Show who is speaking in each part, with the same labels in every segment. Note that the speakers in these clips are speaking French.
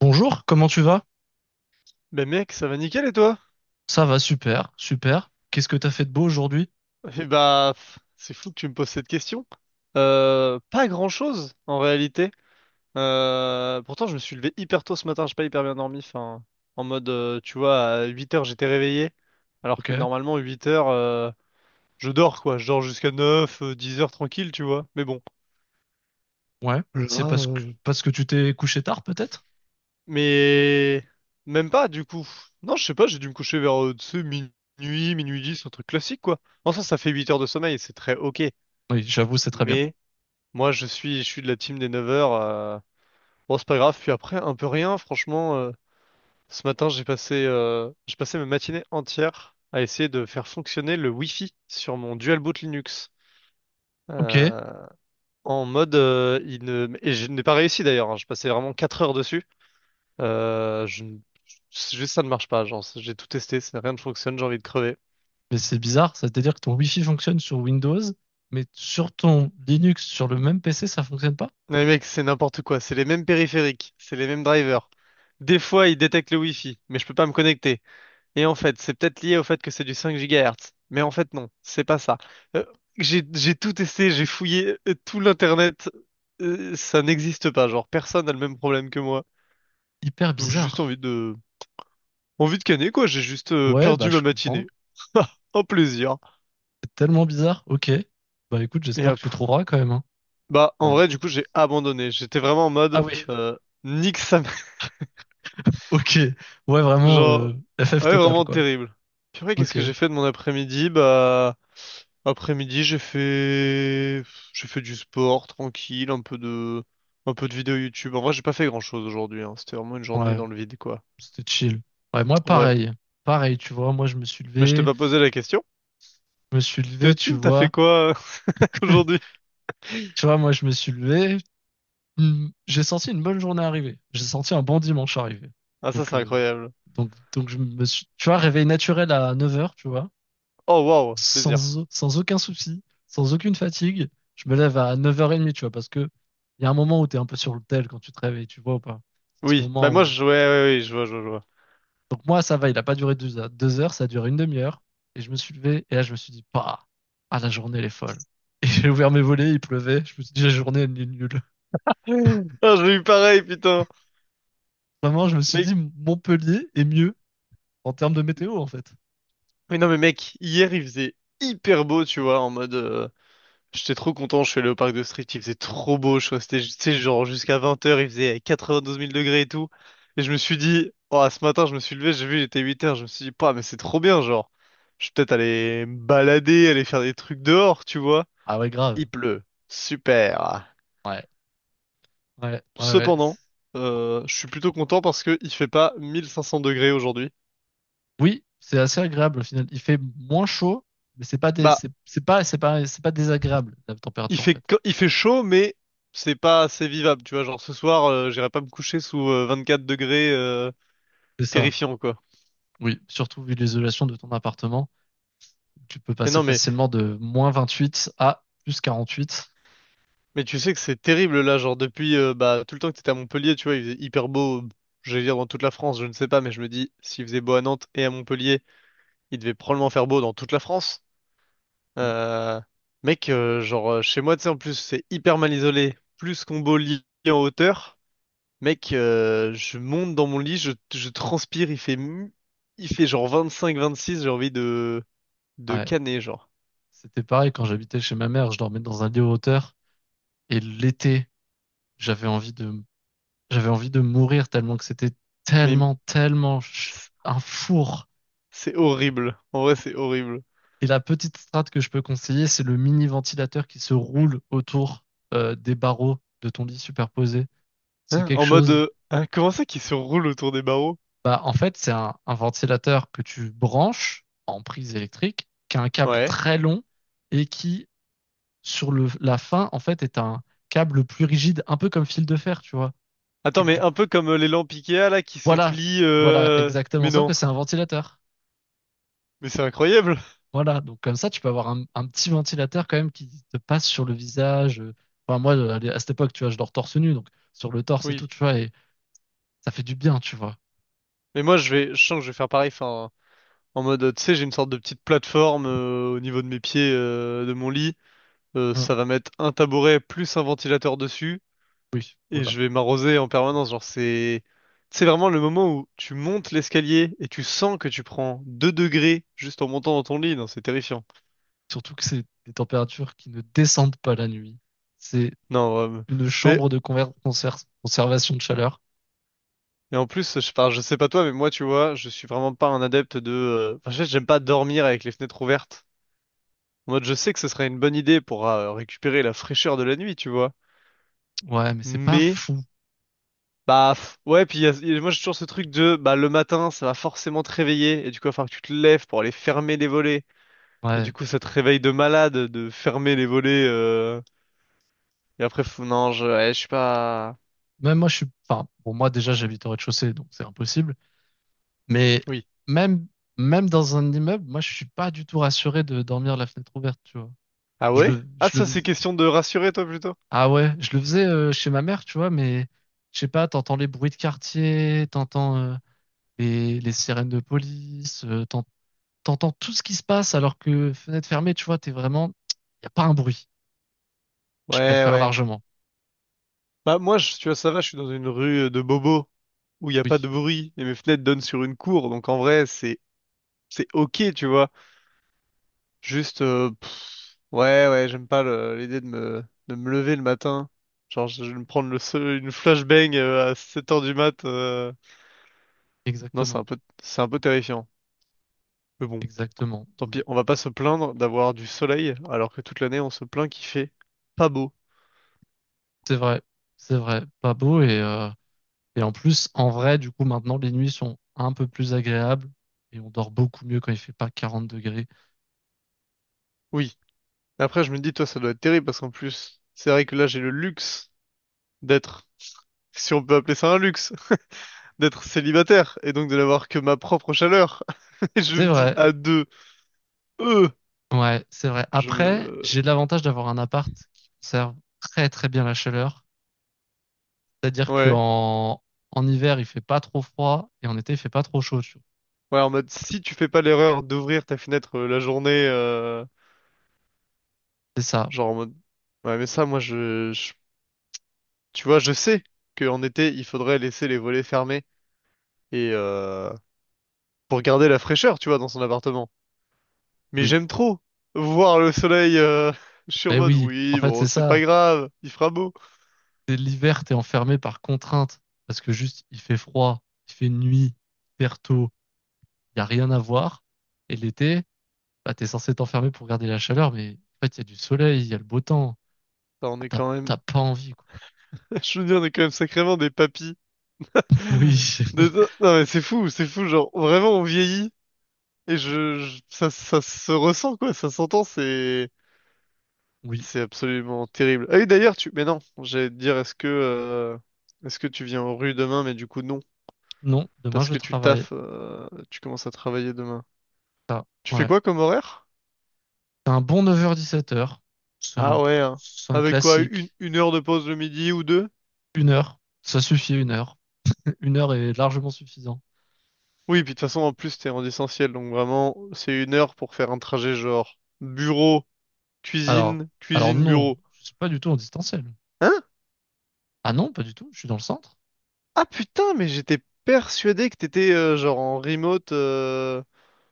Speaker 1: Bonjour, comment tu vas?
Speaker 2: Ben mec, ça va nickel et toi?
Speaker 1: Ça va, super, super. Qu'est-ce que t'as fait de beau aujourd'hui?
Speaker 2: Eh bah, c'est fou que tu me poses cette question. Pas grand-chose en réalité. Pourtant, je me suis levé hyper tôt ce matin, j'ai pas hyper bien dormi. Enfin, en mode, tu vois, à 8 heures j'étais réveillé, alors que
Speaker 1: Ok,
Speaker 2: normalement 8 heures, je dors quoi. Je dors jusqu'à 9, 10 heures tranquille, tu vois. Mais bon.
Speaker 1: ouais. C'est
Speaker 2: Là,
Speaker 1: parce que tu t'es couché tard, peut-être?
Speaker 2: mais même pas du coup. Non, je sais pas, j'ai dû me coucher vers tu sais, minuit, minuit 10, un truc classique quoi. En soi, ça fait 8 heures de sommeil, c'est très ok.
Speaker 1: Oui, j'avoue, c'est très bien.
Speaker 2: Mais moi, je suis de la team des 9 heures. Bon, c'est pas grave. Puis après, un peu rien. Franchement, ce matin, j'ai passé ma matinée entière à essayer de faire fonctionner le Wi-Fi sur mon dual boot Linux.
Speaker 1: Ok,
Speaker 2: Euh, En mode, il ne... et je n'ai pas réussi d'ailleurs. Hein, je passais vraiment 4 heures dessus. Je... ne- C'est juste ça ne marche pas. Genre, j'ai tout testé, rien ne fonctionne. J'ai envie de crever.
Speaker 1: mais c'est bizarre, ça veut dire que ton Wi-Fi fonctionne sur Windows, mais sur ton Linux, sur le même PC, ça fonctionne pas?
Speaker 2: Mais mec, c'est n'importe quoi. C'est les mêmes périphériques, c'est les mêmes drivers. Des fois, il détecte le Wi-Fi, mais je peux pas me connecter. Et en fait, c'est peut-être lié au fait que c'est du 5 GHz. Mais en fait, non, c'est pas ça. Euh, j'ai tout testé, j'ai fouillé tout l'internet. Ça n'existe pas. Genre, personne n'a le même problème que moi.
Speaker 1: Hyper
Speaker 2: Donc, j'ai juste
Speaker 1: bizarre.
Speaker 2: envie de canner, quoi. J'ai juste
Speaker 1: Ouais, bah
Speaker 2: perdu ma
Speaker 1: je comprends.
Speaker 2: matinée. Ah, un plaisir.
Speaker 1: C'est tellement bizarre. Ok. Bah écoute,
Speaker 2: Et
Speaker 1: j'espère que
Speaker 2: hop.
Speaker 1: tu trouveras quand même, hein.
Speaker 2: Bah, en
Speaker 1: Un
Speaker 2: vrai,
Speaker 1: petit
Speaker 2: du
Speaker 1: peu.
Speaker 2: coup, j'ai abandonné. J'étais vraiment en
Speaker 1: Ah
Speaker 2: mode,
Speaker 1: oui.
Speaker 2: nique sa.
Speaker 1: Ok, ouais, vraiment
Speaker 2: Genre,
Speaker 1: FF
Speaker 2: ah ouais,
Speaker 1: total,
Speaker 2: vraiment
Speaker 1: quoi.
Speaker 2: terrible. Purée, qu'est-ce
Speaker 1: Ok,
Speaker 2: que j'ai fait de mon après-midi? Bah, après-midi, j'ai fait du sport, tranquille, un peu de vidéo YouTube. En vrai, j'ai pas fait grand-chose aujourd'hui, hein. C'était vraiment une journée
Speaker 1: ouais,
Speaker 2: dans le vide, quoi.
Speaker 1: c'était chill. Ouais, moi,
Speaker 2: Ouais.
Speaker 1: pareil. Pareil, tu vois, moi, je me suis
Speaker 2: Mais je t'ai
Speaker 1: levé,
Speaker 2: pas posé la question.
Speaker 1: je me suis
Speaker 2: T'es
Speaker 1: levé,
Speaker 2: au
Speaker 1: tu
Speaker 2: team, t'as fait
Speaker 1: vois.
Speaker 2: quoi aujourd'hui?
Speaker 1: Tu vois, moi, je me suis levé, hmm, j'ai senti une bonne journée arriver. J'ai senti un bon dimanche arriver.
Speaker 2: Ah, ça,
Speaker 1: Donc,
Speaker 2: c'est
Speaker 1: euh,
Speaker 2: incroyable.
Speaker 1: donc, je me suis, tu vois, réveil naturel à 9h, tu vois,
Speaker 2: Oh, waouh, plaisir.
Speaker 1: sans, sans aucun souci, sans aucune fatigue. Je me lève à 9h30, tu vois, parce que il y a un moment où tu es un peu sur le tel quand tu te réveilles, tu vois ou pas? C'est ce
Speaker 2: Oui. Bah,
Speaker 1: moment
Speaker 2: moi,
Speaker 1: où
Speaker 2: je jouais, ouais, ouais, ouais, je vois, je vois, je vois.
Speaker 1: donc moi, ça va, il n'a pas duré 2 heures. 2 heures, ça a duré une demi-heure. Et je me suis levé, et là, je me suis dit, bah, ah, la journée, elle est folle. Et j'ai ouvert mes volets, il pleuvait. Je me suis dit, la journée, elle est nulle.
Speaker 2: Ah, j'ai eu pareil, putain.
Speaker 1: Vraiment, je me suis
Speaker 2: Mais,
Speaker 1: dit, Montpellier est mieux en termes de météo, en fait.
Speaker 2: mais non, mais mec, hier, il faisait hyper beau, tu vois, en mode, j'étais trop content, je suis allé au parc de Street, il faisait trop beau, je suis que tu sais, genre jusqu'à 20 heures, il faisait 92 000 degrés et tout. Et je me suis dit, oh, ce matin, je me suis levé, j'ai vu, il était 8 heures. Je me suis dit, pas, mais c'est trop bien, genre. Je vais peut-être aller me balader, aller faire des trucs dehors, tu vois.
Speaker 1: Ah ouais, grave.
Speaker 2: Il pleut. Super.
Speaker 1: Ouais, ouais, ouais, ouais.
Speaker 2: Cependant, je suis plutôt content parce que il fait pas 1500 degrés aujourd'hui.
Speaker 1: Oui, c'est assez agréable, au final. Il fait moins chaud, mais c'est pas des,
Speaker 2: Bah,
Speaker 1: c'est pas, c'est pas, c'est pas désagréable, la
Speaker 2: il
Speaker 1: température, en
Speaker 2: fait,
Speaker 1: fait.
Speaker 2: co- il fait chaud, mais c'est pas assez vivable, tu vois. Genre ce soir, j'irai pas me coucher sous 24 degrés,
Speaker 1: C'est ça.
Speaker 2: terrifiant, quoi.
Speaker 1: Oui, surtout vu l'isolation de ton appartement. Tu peux
Speaker 2: Mais
Speaker 1: passer
Speaker 2: non, mais,
Speaker 1: facilement de moins 28 à plus
Speaker 2: mais tu sais que c'est terrible là, genre depuis bah, tout le temps que t'étais à Montpellier, tu vois, il faisait hyper beau, j'allais dire dans toute la France, je ne sais pas, mais je me dis, s'il faisait beau à Nantes et à Montpellier, il devait probablement faire beau dans toute la France.
Speaker 1: 48.
Speaker 2: Euh, Mec, genre chez moi, tu sais, en plus, c'est hyper mal isolé, plus combo lit en hauteur. Mec, je monte dans mon lit, je transpire, il fait genre 25-26, j'ai envie de
Speaker 1: Ouais,
Speaker 2: caner, genre.
Speaker 1: c'était pareil quand j'habitais chez ma mère, je dormais dans un lit en hauteur et l'été, j'avais envie de j'avais envie de mourir tellement que c'était
Speaker 2: Mais
Speaker 1: tellement tellement ch-
Speaker 2: c'est
Speaker 1: un four.
Speaker 2: c'est horrible, en vrai, c'est horrible.
Speaker 1: Et la petite strate que je peux conseiller, c'est le mini ventilateur qui se roule autour des barreaux de ton lit superposé. C'est
Speaker 2: Hein?
Speaker 1: quelque
Speaker 2: En mode,
Speaker 1: chose.
Speaker 2: hein, comment ça qui se roule autour des barreaux?
Speaker 1: Bah, en fait, c'est un ventilateur que tu branches en prise électrique, qui a un câble
Speaker 2: Ouais.
Speaker 1: très long et qui, sur la fin, en fait, est un câble plus rigide, un peu comme fil de fer, tu vois. Et
Speaker 2: Attends,
Speaker 1: que
Speaker 2: mais
Speaker 1: du
Speaker 2: un
Speaker 1: coup,
Speaker 2: peu comme les lampes Ikea là qui se
Speaker 1: voilà,
Speaker 2: plient.
Speaker 1: voilà, exactement.
Speaker 2: Mais
Speaker 1: Sauf
Speaker 2: non,
Speaker 1: que c'est un ventilateur.
Speaker 2: mais c'est incroyable.
Speaker 1: Voilà, donc comme ça, tu peux avoir un petit ventilateur quand même qui te passe sur le visage. Enfin, moi, à cette époque, tu vois, je dors torse nu, donc sur le torse et tout,
Speaker 2: Oui.
Speaker 1: tu vois, et ça fait du bien, tu vois.
Speaker 2: Mais moi je sens que je vais faire pareil. Enfin, en mode, tu sais, j'ai une sorte de petite plateforme au niveau de mes pieds, de mon lit.
Speaker 1: Hum,
Speaker 2: Ça va mettre un tabouret plus un ventilateur dessus
Speaker 1: oui,
Speaker 2: et
Speaker 1: voilà.
Speaker 2: je vais m'arroser en permanence. Genre c'est vraiment le moment où tu montes l'escalier et tu sens que tu prends 2 degrés juste en montant dans ton lit. Non, c'est terrifiant.
Speaker 1: Surtout que c'est des températures qui ne descendent pas la nuit. C'est
Speaker 2: Non.
Speaker 1: une
Speaker 2: Mais
Speaker 1: chambre de conservation de chaleur.
Speaker 2: Et en plus, je parle, je sais pas toi, mais moi, tu vois, je suis vraiment pas un adepte de. Enfin, en fait, j'aime pas dormir avec les fenêtres ouvertes. En mode, je sais que ce serait une bonne idée pour récupérer la fraîcheur de la nuit, tu vois.
Speaker 1: Ouais, mais c'est pas
Speaker 2: Mais,
Speaker 1: fou.
Speaker 2: bah, ouais, puis moi, j'ai toujours ce truc de, bah, le matin, ça va forcément te réveiller, et du coup, il va falloir que tu te lèves pour aller fermer les volets. Et
Speaker 1: Ouais.
Speaker 2: du coup, ça te réveille de malade de fermer les volets. Et après, non, ouais, je suis pas.
Speaker 1: Même moi, je suis, enfin, bon, moi, déjà, j'habite au rez-de-chaussée, donc c'est impossible. Mais
Speaker 2: Oui.
Speaker 1: même, même dans un immeuble, moi, je suis pas du tout rassuré de dormir la fenêtre ouverte, tu vois.
Speaker 2: Ah
Speaker 1: Je
Speaker 2: ouais?
Speaker 1: le,
Speaker 2: Ah,
Speaker 1: je le
Speaker 2: ça, c'est
Speaker 1: fais-
Speaker 2: question de rassurer, toi, plutôt.
Speaker 1: Ah ouais, je le faisais chez ma mère, tu vois, mais je sais pas, t'entends les bruits de quartier, t'entends les sirènes de police, t'entends tout ce qui se passe alors que fenêtre fermée, tu vois, t'es vraiment... Y a pas un bruit. Je
Speaker 2: Ouais,
Speaker 1: préfère
Speaker 2: ouais.
Speaker 1: largement.
Speaker 2: Bah moi, tu vois, ça va, je suis dans une rue de Bobo où il n'y a pas de
Speaker 1: Oui,
Speaker 2: bruit et mes fenêtres donnent sur une cour, donc en vrai, c'est ok, tu vois. Juste, ouais, ouais, j'aime pas l'idée de me lever le matin. Genre, je vais me prendre une flashbang à 7 heures du mat. Non, c'est un
Speaker 1: exactement.
Speaker 2: peu c'est un peu terrifiant. Mais bon,
Speaker 1: Exactement.
Speaker 2: tant
Speaker 1: Oui.
Speaker 2: pis, on va pas se plaindre d'avoir du soleil alors que toute l'année on se plaint qu'il fait pas beau.
Speaker 1: C'est vrai. C'est vrai. Pas beau et en plus, en vrai, du coup, maintenant, les nuits sont un peu plus agréables et on dort beaucoup mieux quand il fait pas 40 degrés.
Speaker 2: Oui. Après, je me dis, toi, ça doit être terrible parce qu'en plus, c'est vrai que là, j'ai le luxe d'être, si on peut appeler ça un luxe, d'être célibataire et donc de n'avoir que ma propre chaleur. Et je
Speaker 1: C'est
Speaker 2: me dis
Speaker 1: vrai.
Speaker 2: à deux, euh,
Speaker 1: Ouais, c'est vrai.
Speaker 2: je me,
Speaker 1: Après, j'ai l'avantage d'avoir un appart qui conserve très très bien la chaleur. C'est-à-dire
Speaker 2: ouais,
Speaker 1: qu'en En hiver, il fait pas trop froid et en été, il fait pas trop chaud. Tu vois.
Speaker 2: ouais, en mode si tu fais pas l'erreur d'ouvrir ta fenêtre la journée,
Speaker 1: C'est ça.
Speaker 2: genre en mode, ouais, mais ça, moi, tu vois, je sais qu'en été, il faudrait laisser les volets fermés et pour garder la fraîcheur, tu vois, dans son appartement. Mais
Speaker 1: Oui.
Speaker 2: j'aime trop voir le soleil. Je suis en
Speaker 1: Ben
Speaker 2: mode,
Speaker 1: oui, en
Speaker 2: oui,
Speaker 1: fait,
Speaker 2: bon,
Speaker 1: c'est
Speaker 2: c'est pas
Speaker 1: ça.
Speaker 2: grave, il fera beau.
Speaker 1: C'est l'hiver, t'es enfermé par contrainte parce que juste il fait froid, il fait nuit, hyper tôt, il y a rien à voir. Et l'été, bah t'es censé t'enfermer pour garder la chaleur, mais en fait, il y a du soleil, il y a le beau temps.
Speaker 2: Enfin, on
Speaker 1: Ah,
Speaker 2: est
Speaker 1: T'as
Speaker 2: quand même.
Speaker 1: t'as pas envie, quoi.
Speaker 2: Je veux dire, on est quand même sacrément des papys.
Speaker 1: Oui.
Speaker 2: Non mais c'est fou, genre vraiment on vieillit et ça, ça se ressent quoi, ça s'entend, c'est
Speaker 1: Oui.
Speaker 2: c'est absolument terrible. Ah oui d'ailleurs mais non, j'allais te dire est-ce que tu viens aux rues demain, mais du coup non,
Speaker 1: Non, demain
Speaker 2: parce
Speaker 1: je
Speaker 2: que tu
Speaker 1: travaille.
Speaker 2: taffes, tu commences à travailler demain.
Speaker 1: Ça,
Speaker 2: Tu fais
Speaker 1: ouais.
Speaker 2: quoi comme horaire?
Speaker 1: C'est un bon 9h-17h. C'est un,
Speaker 2: Ah ouais, hein.
Speaker 1: c'est un
Speaker 2: Avec quoi, une,
Speaker 1: classique.
Speaker 2: une heure de pause le midi ou deux?
Speaker 1: Une heure. Ça suffit une heure. Une heure est largement suffisant.
Speaker 2: Oui, puis de toute façon en plus t'es en essentiel, donc vraiment c'est une heure pour faire un trajet genre bureau,
Speaker 1: Alors,
Speaker 2: cuisine,
Speaker 1: alors
Speaker 2: cuisine,
Speaker 1: non,
Speaker 2: bureau.
Speaker 1: je suis pas du tout en distanciel.
Speaker 2: Hein?
Speaker 1: Ah non, pas du tout. Je suis dans le centre.
Speaker 2: Ah putain, mais j'étais persuadé que t'étais genre en remote.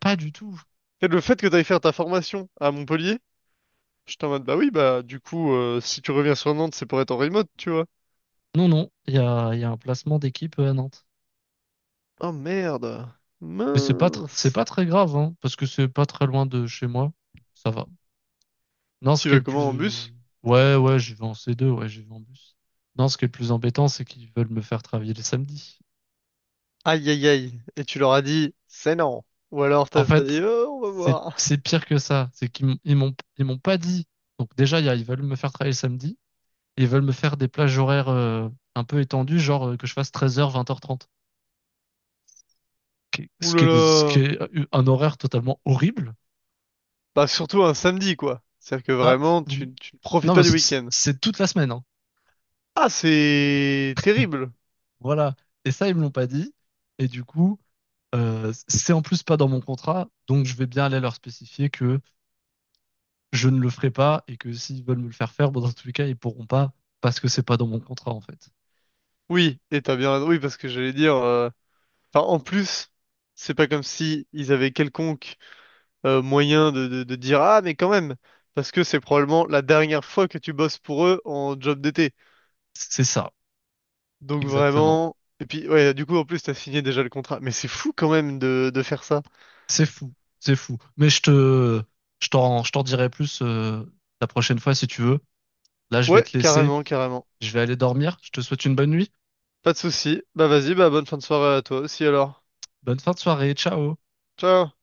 Speaker 1: Pas du tout.
Speaker 2: Et le fait que t'ailles faire ta formation à Montpellier, j'étais en mode bah oui, bah du coup, si tu reviens sur Nantes, c'est pour être en remote, tu vois.
Speaker 1: Non, non. Il y a un placement d'équipe à Nantes.
Speaker 2: Oh merde,
Speaker 1: Mais c'est pas, c'est
Speaker 2: mince.
Speaker 1: pas très grave, hein, parce que c'est pas très loin de chez moi. Ça va. Non, ce
Speaker 2: Tu
Speaker 1: qui est
Speaker 2: vas
Speaker 1: le
Speaker 2: comment en
Speaker 1: plus,
Speaker 2: bus?
Speaker 1: ouais, ouais, j'y vais en C2, ouais, j'y vais en bus. Non, ce qui est le plus embêtant, c'est qu'ils veulent me faire travailler les samedis.
Speaker 2: Aïe aïe aïe. Et tu leur as dit c'est non. Ou alors
Speaker 1: En
Speaker 2: t'as
Speaker 1: fait,
Speaker 2: dit oh, on va
Speaker 1: c'est
Speaker 2: voir.
Speaker 1: c'est pire que ça. C'est qu'ils ils m'ont pas dit. Donc déjà, ils veulent me faire travailler le samedi. Et ils veulent me faire des plages horaires un peu étendues, que je fasse 13h, 20h30.
Speaker 2: Ouh
Speaker 1: Ce qui
Speaker 2: là
Speaker 1: est, ce qui
Speaker 2: là.
Speaker 1: est un horaire totalement horrible.
Speaker 2: Bah surtout un samedi quoi. C'est-à-dire que
Speaker 1: Bah,
Speaker 2: vraiment,
Speaker 1: vous-
Speaker 2: tu ne profites
Speaker 1: non,
Speaker 2: pas
Speaker 1: mais
Speaker 2: du week-end.
Speaker 1: c'est toute la semaine. Hein.
Speaker 2: Ah, c'est terrible.
Speaker 1: Voilà. Et ça, ils me l'ont pas dit. Et du coup, c'est en plus pas dans mon contrat. Donc je vais bien aller leur spécifier que je ne le ferai pas et que s'ils veulent me le faire faire, bon, dans tous les cas, ils pourront pas parce que c'est pas dans mon contrat, en fait.
Speaker 2: Oui, et t'as bien raison. Oui, parce que j'allais dire. Enfin, en plus, c'est pas comme si ils avaient quelconque moyen de dire ah mais quand même, parce que c'est probablement la dernière fois que tu bosses pour eux en job d'été.
Speaker 1: C'est ça,
Speaker 2: Donc
Speaker 1: exactement.
Speaker 2: vraiment. Et puis ouais, du coup en plus t'as signé déjà le contrat. Mais c'est fou quand même de faire ça.
Speaker 1: C'est fou, c'est fou. Mais je t'en dirai plus la prochaine fois si tu veux. Là, je vais
Speaker 2: Ouais,
Speaker 1: te laisser.
Speaker 2: carrément, carrément.
Speaker 1: Je vais aller dormir. Je te souhaite une bonne nuit.
Speaker 2: Pas de souci. Bah vas-y, bah bonne fin de soirée à toi aussi alors.
Speaker 1: Bonne fin de soirée. Ciao.
Speaker 2: Ciao.